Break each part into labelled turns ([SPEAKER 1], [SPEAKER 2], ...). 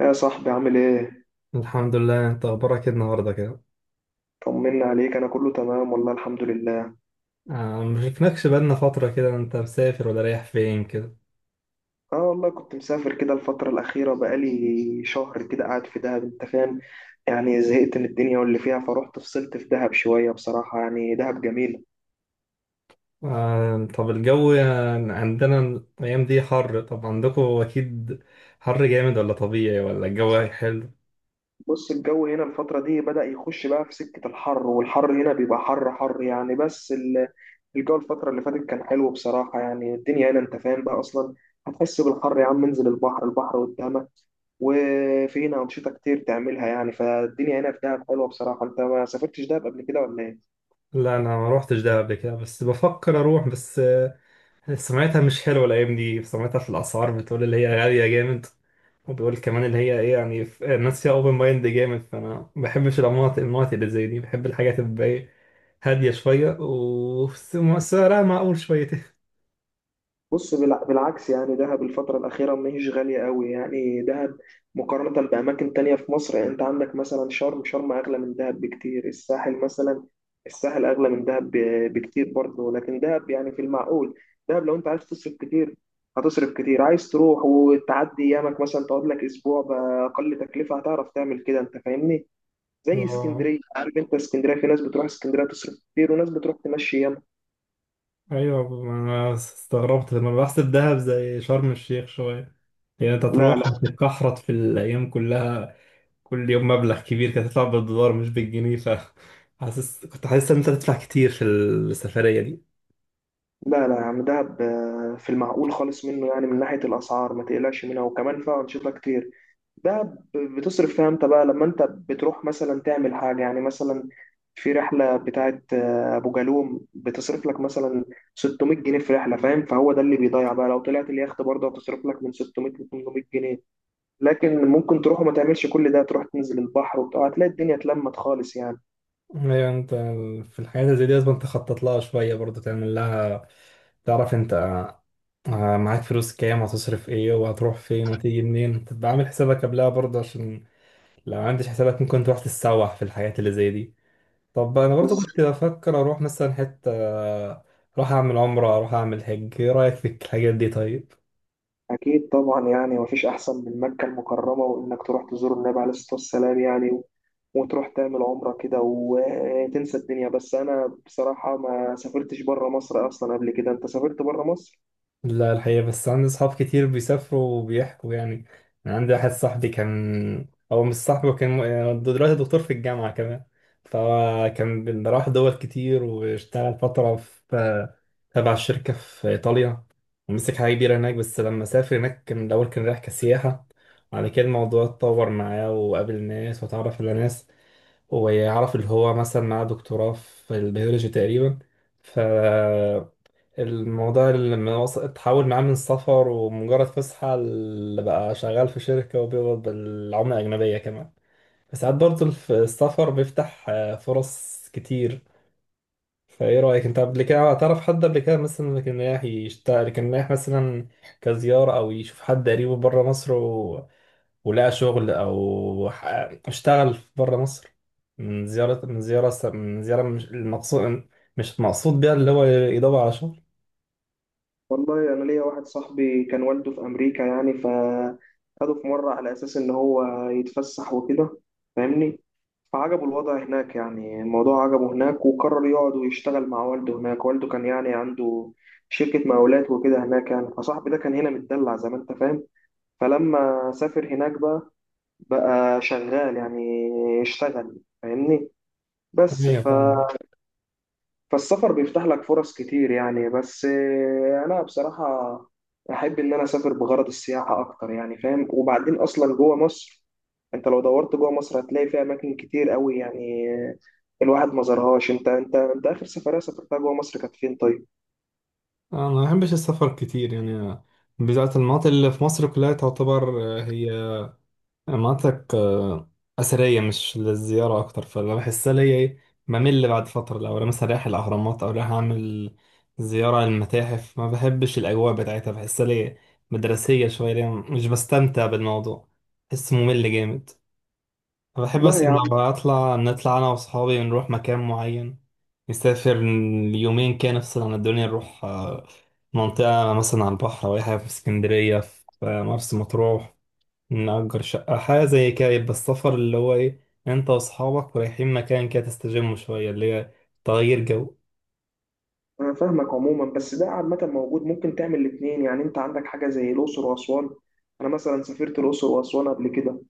[SPEAKER 1] يا صاحبي عامل ايه؟
[SPEAKER 2] الحمد لله، انت اخبارك ايه النهارده كده؟
[SPEAKER 1] طمنا عليك، انا كله تمام والله الحمد لله.
[SPEAKER 2] آه، مشفناكش بقالنا فتره كده، انت مسافر ولا رايح فين كده؟
[SPEAKER 1] اه والله كنت مسافر كده، الفترة الأخيرة بقالي شهر كده قاعد في دهب. انت فاهم، يعني زهقت من الدنيا واللي فيها، فروحت فصلت في دهب شوية. بصراحة يعني دهب جميلة.
[SPEAKER 2] آه، طب الجو يعني عندنا الايام دي حر، طب عندكم اكيد حر جامد ولا طبيعي ولا الجو حلو؟
[SPEAKER 1] بص، الجو هنا الفترة دي بدأ يخش بقى في سكة الحر، والحر هنا بيبقى حر حر يعني، بس الجو الفترة اللي فاتت كان حلو بصراحة. يعني الدنيا هنا انت فاهم بقى أصلا، هتحس بالحر يا عم. انزل البحر، البحر قدامك، وفي هنا أنشطة كتير تعملها يعني. فالدنيا هنا في دهب حلوة بصراحة. أنت ما سافرتش دهب قبل كده ولا إيه؟
[SPEAKER 2] لا، انا ما روحتش دهب قبل كده بس بفكر اروح. بس سمعتها مش حلوة الأيام دي، سمعتها في الأسعار بتقول اللي هي غالية جامد، وبيقول كمان اللي هي إيه يعني الناس فيها أوبن مايند جامد، فأنا ما بحبش المناطق اللي زي دي، بحب الحاجات اللي تبقى إيه، هادية شوية وسعرها معقول شويتين.
[SPEAKER 1] بص، بالعكس، يعني دهب الفترة الأخيرة ما هيش غالية قوي. يعني دهب مقارنة بأماكن تانية في مصر، يعني أنت عندك مثلا شرم، شرم أغلى من دهب بكتير. الساحل مثلا، الساحل أغلى من دهب بكتير برضه، لكن دهب يعني في المعقول. دهب لو أنت عايز تصرف كتير هتصرف كتير، عايز تروح وتعدي أيامك مثلا تقعد لك أسبوع بأقل تكلفة هتعرف تعمل كده. أنت فاهمني؟ زي
[SPEAKER 2] آه،
[SPEAKER 1] اسكندريه، عارف انت اسكندريه، في ناس بتروح اسكندريه تصرف كتير، وناس بتروح تمشي ياما.
[SPEAKER 2] أيوة ما أنا استغربت لما بحسب دهب زي شرم الشيخ شوية، يعني أنت
[SPEAKER 1] لا،
[SPEAKER 2] تروح
[SPEAKER 1] لا،
[SPEAKER 2] تتكحرط في الأيام كلها، كل يوم مبلغ كبير كانت تطلع بالدولار مش بالجنيه، ف حاسس كنت حاسس إن أنت تدفع كتير في السفرية دي.
[SPEAKER 1] لا، لا يا عم، دهب في المعقول خالص منه، يعني من ناحيه الاسعار ما تقلقش منها، وكمان فيها انشطه كتير. دهب بتصرف فيها امتى بقى؟ لما انت بتروح مثلا تعمل حاجه يعني، مثلا في رحله بتاعت ابو جالوم، بتصرف لك مثلا 600 جنيه في رحله. فاهم؟ فهو ده اللي بيضيع بقى. لو طلعت اليخت برضه هتصرف لك من 600 ل 800 جنيه، لكن ممكن تروح وما تعملش كل ده، تروح تنزل البحر وبتاع، هتلاقي الدنيا اتلمت خالص يعني.
[SPEAKER 2] ايوه انت، في الحاجات اللي زي دي لازم تخطط لها شويه برضه، تعمل لها تعرف انت آه، معاك فلوس كام وهتصرف ايه وهتروح فين وتيجي منين، تبقى عامل حسابك قبلها برضه، عشان لو ما عملتش حسابك ممكن تروح تتسوح في الحاجات اللي زي دي. طب انا برضه
[SPEAKER 1] بص،
[SPEAKER 2] كنت بفكر اروح مثلا حته آه، اروح اعمل عمره، اروح اعمل حج، ايه رايك في الحاجات دي طيب؟
[SPEAKER 1] أكيد طبعا، يعني مفيش أحسن من مكة المكرمة وإنك تروح تزور النبي عليه الصلاة والسلام يعني، وتروح تعمل عمرة كده وتنسى الدنيا. بس أنا بصراحة ما سافرتش بره مصر أصلا قبل كده. أنت سافرت بره مصر؟
[SPEAKER 2] لا الحقيقة، بس عندي أصحاب كتير بيسافروا وبيحكوا يعني. أنا عندي واحد صاحبي كان، هو مش صاحبي، هو كان يعني دلوقتي دكتور في الجامعة كمان، فهو كان راح دول كتير واشتغل فترة في تبع الشركة في إيطاليا، ومسك حاجة كبيرة هناك. بس لما سافر هناك كان الأول كان رايح كسياحة، وبعد كده الموضوع اتطور معاه وقابل ناس وتعرف على ناس، ويعرف اللي هو مثلا معاه دكتوراه في البيولوجي تقريبا. الموضوع اللي لما اتحول معاه من سفر ومجرد فسحة اللي بقى شغال في شركة وبيقبض بالعملة الأجنبية كمان، فساعات برضه السفر بيفتح آه، فرص كتير. فايه رأيك انت؟ قبل كده تعرف حد قبل كده مثلا كان رايح يشتغل، كان رايح مثلا كزيارة أو يشوف حد قريبه بره مصر، و... ولقى شغل أو اشتغل بره مصر؟ من زيارة، من زيارة، من زيارة، مش المقصود، مش المقصود بيها اللي هو يدور على شغل.
[SPEAKER 1] والله انا ليا واحد صاحبي كان والده في امريكا، يعني فاخده في مره على اساس ان هو يتفسح وكده، فاهمني؟ فعجبه الوضع هناك، يعني الموضوع عجبه هناك، وقرر يقعد ويشتغل مع والده هناك. والده كان يعني عنده شركه مقاولات وكده هناك يعني. فصاحبي ده كان هنا متدلع زي ما انت فاهم، فلما سافر هناك بقى، بقى شغال يعني، اشتغل، فاهمني؟ بس
[SPEAKER 2] ايوه فاهم.
[SPEAKER 1] فالسفر بيفتح لك فرص كتير يعني. بس انا بصراحة احب ان انا اسافر بغرض السياحة اكتر يعني، فاهم؟ وبعدين اصلا جوه مصر، انت لو دورت جوه مصر هتلاقي فيها اماكن كتير قوي يعني، الواحد ما زارهاش. انت اخر سفرية سافرتها جوه مصر كانت فين طيب؟
[SPEAKER 2] انا ما بحبش السفر كتير يعني، بالذات المناطق اللي في مصر كلها تعتبر آه، هي مناطق آه، اثريه مش للزياره اكتر، فانا بحسها ليا ايه، بمل بعد فتره. لو انا مثلا رايح الاهرامات او رايح اعمل زياره للمتاحف، ما بحبش الاجواء بتاعتها، بحسها ليا مدرسيه شويه، ليا مش بستمتع بالموضوع، بحس ممل جامد. فبحب
[SPEAKER 1] لا
[SPEAKER 2] بس
[SPEAKER 1] يا عم.
[SPEAKER 2] لو اطلع، نطلع انا واصحابي نروح مكان معين، نسافر يومين كده نفصل عن الدنيا، نروح آه، منطقة مثلا على البحر أو أي حاجة في اسكندرية، في مرسى مطروح، نأجر شقة حاجة زي كده، يبقى السفر اللي هو إيه، أنت وأصحابك رايحين مكان كده تستجموا شوية، اللي هي تغيير جو.
[SPEAKER 1] انا فاهمك عموما، بس ده عامة موجود، ممكن تعمل الاتنين يعني. انت عندك حاجة زي الاقصر واسوان. انا مثلا سافرت الاقصر واسوان قبل كده،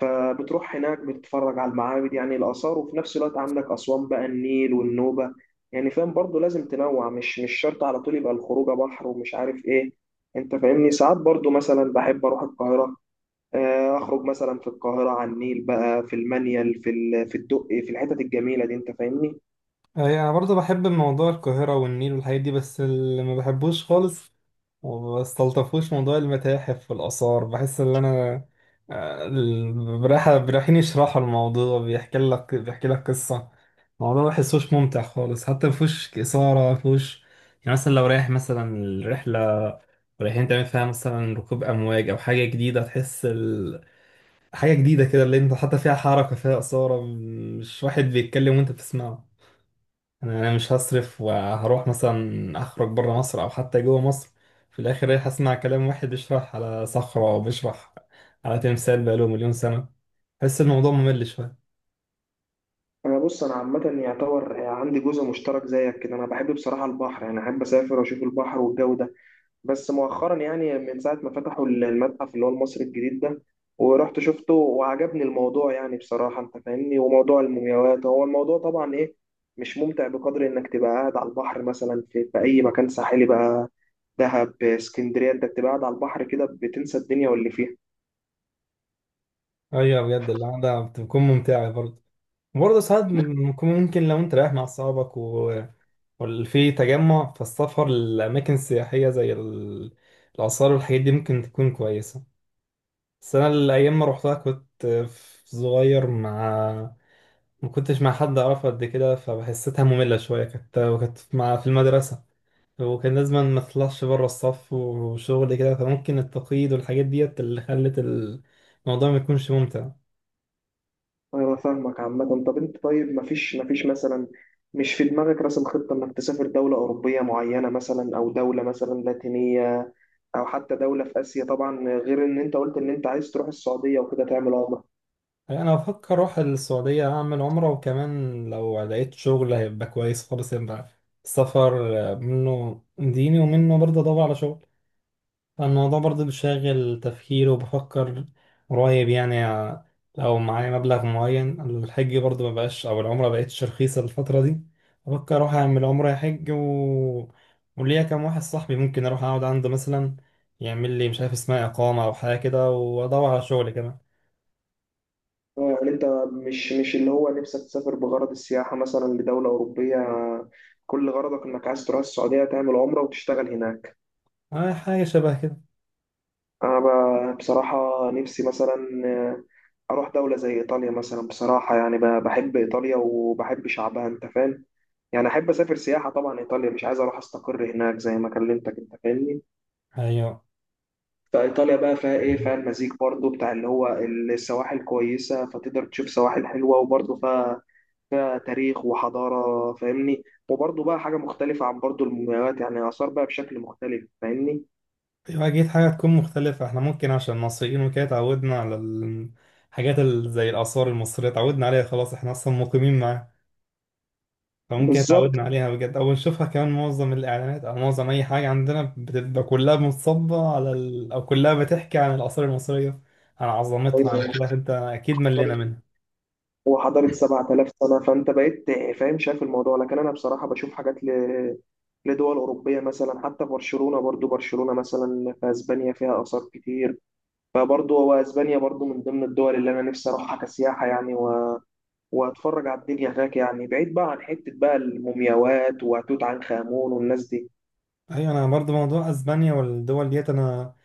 [SPEAKER 1] فبتروح هناك بتتفرج على المعابد يعني الآثار، وفي نفس الوقت عندك أسوان بقى، النيل والنوبة يعني. فاهم؟ برضو لازم تنوع، مش شرط على طول يبقى الخروجة بحر ومش عارف إيه. أنت فاهمني؟ ساعات برضو مثلا بحب أروح القاهرة، أخرج مثلا في القاهرة على النيل بقى، في المنيل، في في الدقي، في الحتت الجميلة دي. أنت فاهمني؟
[SPEAKER 2] أي أنا برضه بحب موضوع القاهرة والنيل والحاجات دي، بس اللي ما بحبوش خالص وما استلطفوش موضوع المتاحف والآثار، بحس إن أنا براحة رايحين يشرحوا الموضوع، بيحكي لك بيحكي لك قصة، الموضوع ما بحسوش ممتع خالص، حتى مفهوش إثارة، مفهوش يعني. مثلا لو رايح مثلا الرحلة رايحين تعمل فيها مثلا ركوب أمواج أو حاجة جديدة، تحس ال... حاجة جديدة كده اللي أنت حتى فيها حركة، فيها إثارة، مش واحد بيتكلم وأنت بتسمعه. أنا مش هصرف وهروح مثلا اخرج بره مصر او حتى جوه مصر، في الاخر رايح اسمع كلام واحد بيشرح على صخرة او بيشرح على تمثال بقاله 1000000 سنة، بحس الموضوع ممل شوية.
[SPEAKER 1] أنا بص، أنا عامة يعتبر يعني عندي جزء مشترك زيك كده، أنا بحب بصراحة البحر يعني، أحب أسافر وأشوف البحر والجو ده. بس مؤخرا، يعني من ساعة ما فتحوا المتحف اللي هو المصري الجديد ده ورحت شفته، وعجبني الموضوع يعني بصراحة. انت فاهمني؟ وموضوع المومياوات، هو الموضوع طبعا ايه، مش ممتع بقدر انك تبقى قاعد على البحر مثلا، في اي مكان ساحلي بقى، دهب، اسكندرية، انت بتبقى قاعد على البحر كده بتنسى الدنيا واللي فيها.
[SPEAKER 2] ايوه بجد القعدة بتكون ممتعة برضه. برضه ساعات ممكن، ممكن لو انت رايح مع اصحابك، و... وفي تجمع، فالسفر للاماكن السياحية زي الاثار والحاجات دي ممكن تكون كويسة. بس انا الايام ما روحتها كنت في صغير، مع ما كنتش مع حد اعرفه قد كده، فحسيتها مملة شوية كانت، وكانت مع في المدرسة، وكان لازم ما تطلعش بره الصف وشغل كده، فممكن التقييد والحاجات ديت اللي خلت الموضوع ما يكونش ممتع.
[SPEAKER 1] انا فاهمك عامة. طب انت طيب، مفيش مثلا، مش في دماغك راسم خطة انك تسافر دولة أوروبية معينة مثلا، او دولة مثلا لاتينية، او حتى دوله في اسيا؟ طبعا غير ان انت قلت ان انت عايز تروح السعوديه وكده تعمل عمره.
[SPEAKER 2] انا بفكر اروح السعودية اعمل عمرة، وكمان لو لقيت شغل هيبقى كويس خالص، يبقى السفر منه ديني ومنه برضه ادور على شغل. الموضوع برضه بيشغل تفكيري وبفكر قريب يعني لو معايا مبلغ معين. الحج برضه مبقاش أو العمرة مبقتش رخيصة الفترة دي، بفكر أروح أعمل عمرة حج، و... وليا كام واحد صاحبي ممكن أروح أقعد عنده مثلا، يعمل لي مش عارف اسمها إقامة أو حاجة كده، وأدور على شغل كمان.
[SPEAKER 1] يعني انت مش اللي هو نفسك تسافر بغرض السياحه مثلا لدوله اوروبيه، كل غرضك انك عايز تروح السعوديه تعمل عمره وتشتغل هناك.
[SPEAKER 2] آه، حاجة شبه كده.
[SPEAKER 1] انا بصراحه نفسي مثلا اروح دوله زي ايطاليا مثلا بصراحه، يعني بحب ايطاليا وبحب شعبها. انت فاهم؟ يعني احب اسافر سياحه طبعا ايطاليا، مش عايز اروح استقر هناك زي ما كلمتك. انت فاهمني؟
[SPEAKER 2] أيوه.
[SPEAKER 1] فايطاليا بقى فيها ايه، فيها المزيج برضو بتاع اللي هو السواحل كويسه، فتقدر تشوف سواحل حلوه، وبرضو فيها، فيها تاريخ وحضاره. فاهمني؟ وبرضو بقى حاجه مختلفه عن برضو المومياوات، يعني اثار بقى بشكل مختلف. فاهمني؟
[SPEAKER 2] أيوة أكيد حاجة تكون مختلفة، احنا ممكن عشان مصريين وكده اتعودنا على الحاجات زي الآثار المصرية، اتعودنا عليها خلاص، احنا أصلا مقيمين معاها، فممكن
[SPEAKER 1] بالظبط.
[SPEAKER 2] اتعودنا عليها بجد. او نشوفها كمان معظم الاعلانات او معظم اي حاجه عندنا بتبقى كلها متصبه على ال... او كلها بتحكي عن الاثار المصريه، عن عظمتها عن
[SPEAKER 1] أيوة،
[SPEAKER 2] كده، انت اكيد ملينا
[SPEAKER 1] مختلف.
[SPEAKER 2] منها.
[SPEAKER 1] وحضاره 7,000 سنه، فانت بقيت فاهم شايف الموضوع. لكن انا بصراحه بشوف حاجات لدول أوروبية مثلا، حتى برشلونة، برضو برشلونة مثلا في أسبانيا فيها آثار كتير، فبرضو هو أسبانيا برضو من ضمن الدول اللي أنا نفسي أروحها كسياحة يعني، واتفرج على الدنيا هناك يعني، بعيد بقى عن حتة بقى المومياوات وتوت عنخ آمون والناس دي.
[SPEAKER 2] ايوه انا برضو موضوع اسبانيا والدول ديت، انا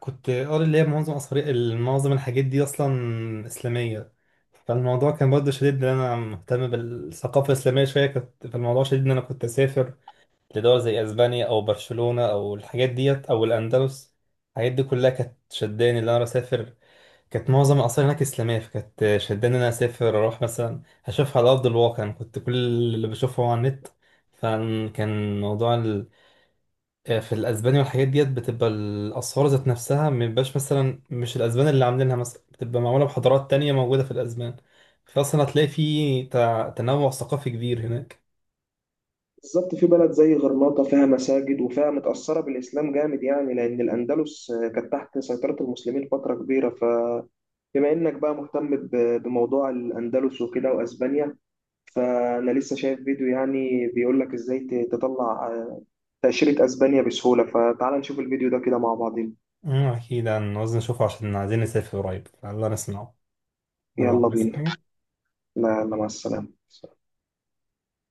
[SPEAKER 2] كنت قاري اللي هي معظم اثار، معظم الحاجات دي اصلا اسلاميه، فالموضوع كان برضو شديد ان انا مهتم بالثقافه الاسلاميه شويه، كنت فالموضوع شديد ان انا كنت اسافر لدول زي اسبانيا او برشلونه او الحاجات ديت او الاندلس، الحاجات دي كلها كانت شداني ان انا اسافر. كانت معظم الاثار هناك اسلاميه، فكانت شداني ان انا اسافر اروح مثلا اشوفها على ارض الواقع، انا كنت كل اللي بشوفه هو على النت. فكان موضوع ال... في الاسباني والحاجات ديت بتبقى الاسعار ذات نفسها، مبيبقاش مثلا مش الاسبان اللي عاملينها، مثلا بتبقى معموله بحضارات تانية موجوده في الاسبان، فاصلا هتلاقي في تنوع ثقافي كبير هناك.
[SPEAKER 1] بالظبط، في بلد زي غرناطة فيها مساجد وفيها متأثرة بالإسلام جامد يعني، لأن الأندلس كانت تحت سيطرة المسلمين فترة كبيرة. فبما إنك بقى مهتم بموضوع الأندلس وكده وأسبانيا، فأنا لسه شايف فيديو يعني بيقول لك إزاي تطلع تأشيرة أسبانيا بسهولة، فتعال نشوف الفيديو ده كده مع بعضين.
[SPEAKER 2] أمم، أكيد هنعوز نشوفه عشان عايزين نسافر قريب، الله نسمعه، الله
[SPEAKER 1] يلا بينا.
[SPEAKER 2] نسمع.
[SPEAKER 1] لا، لا، مع السلامة.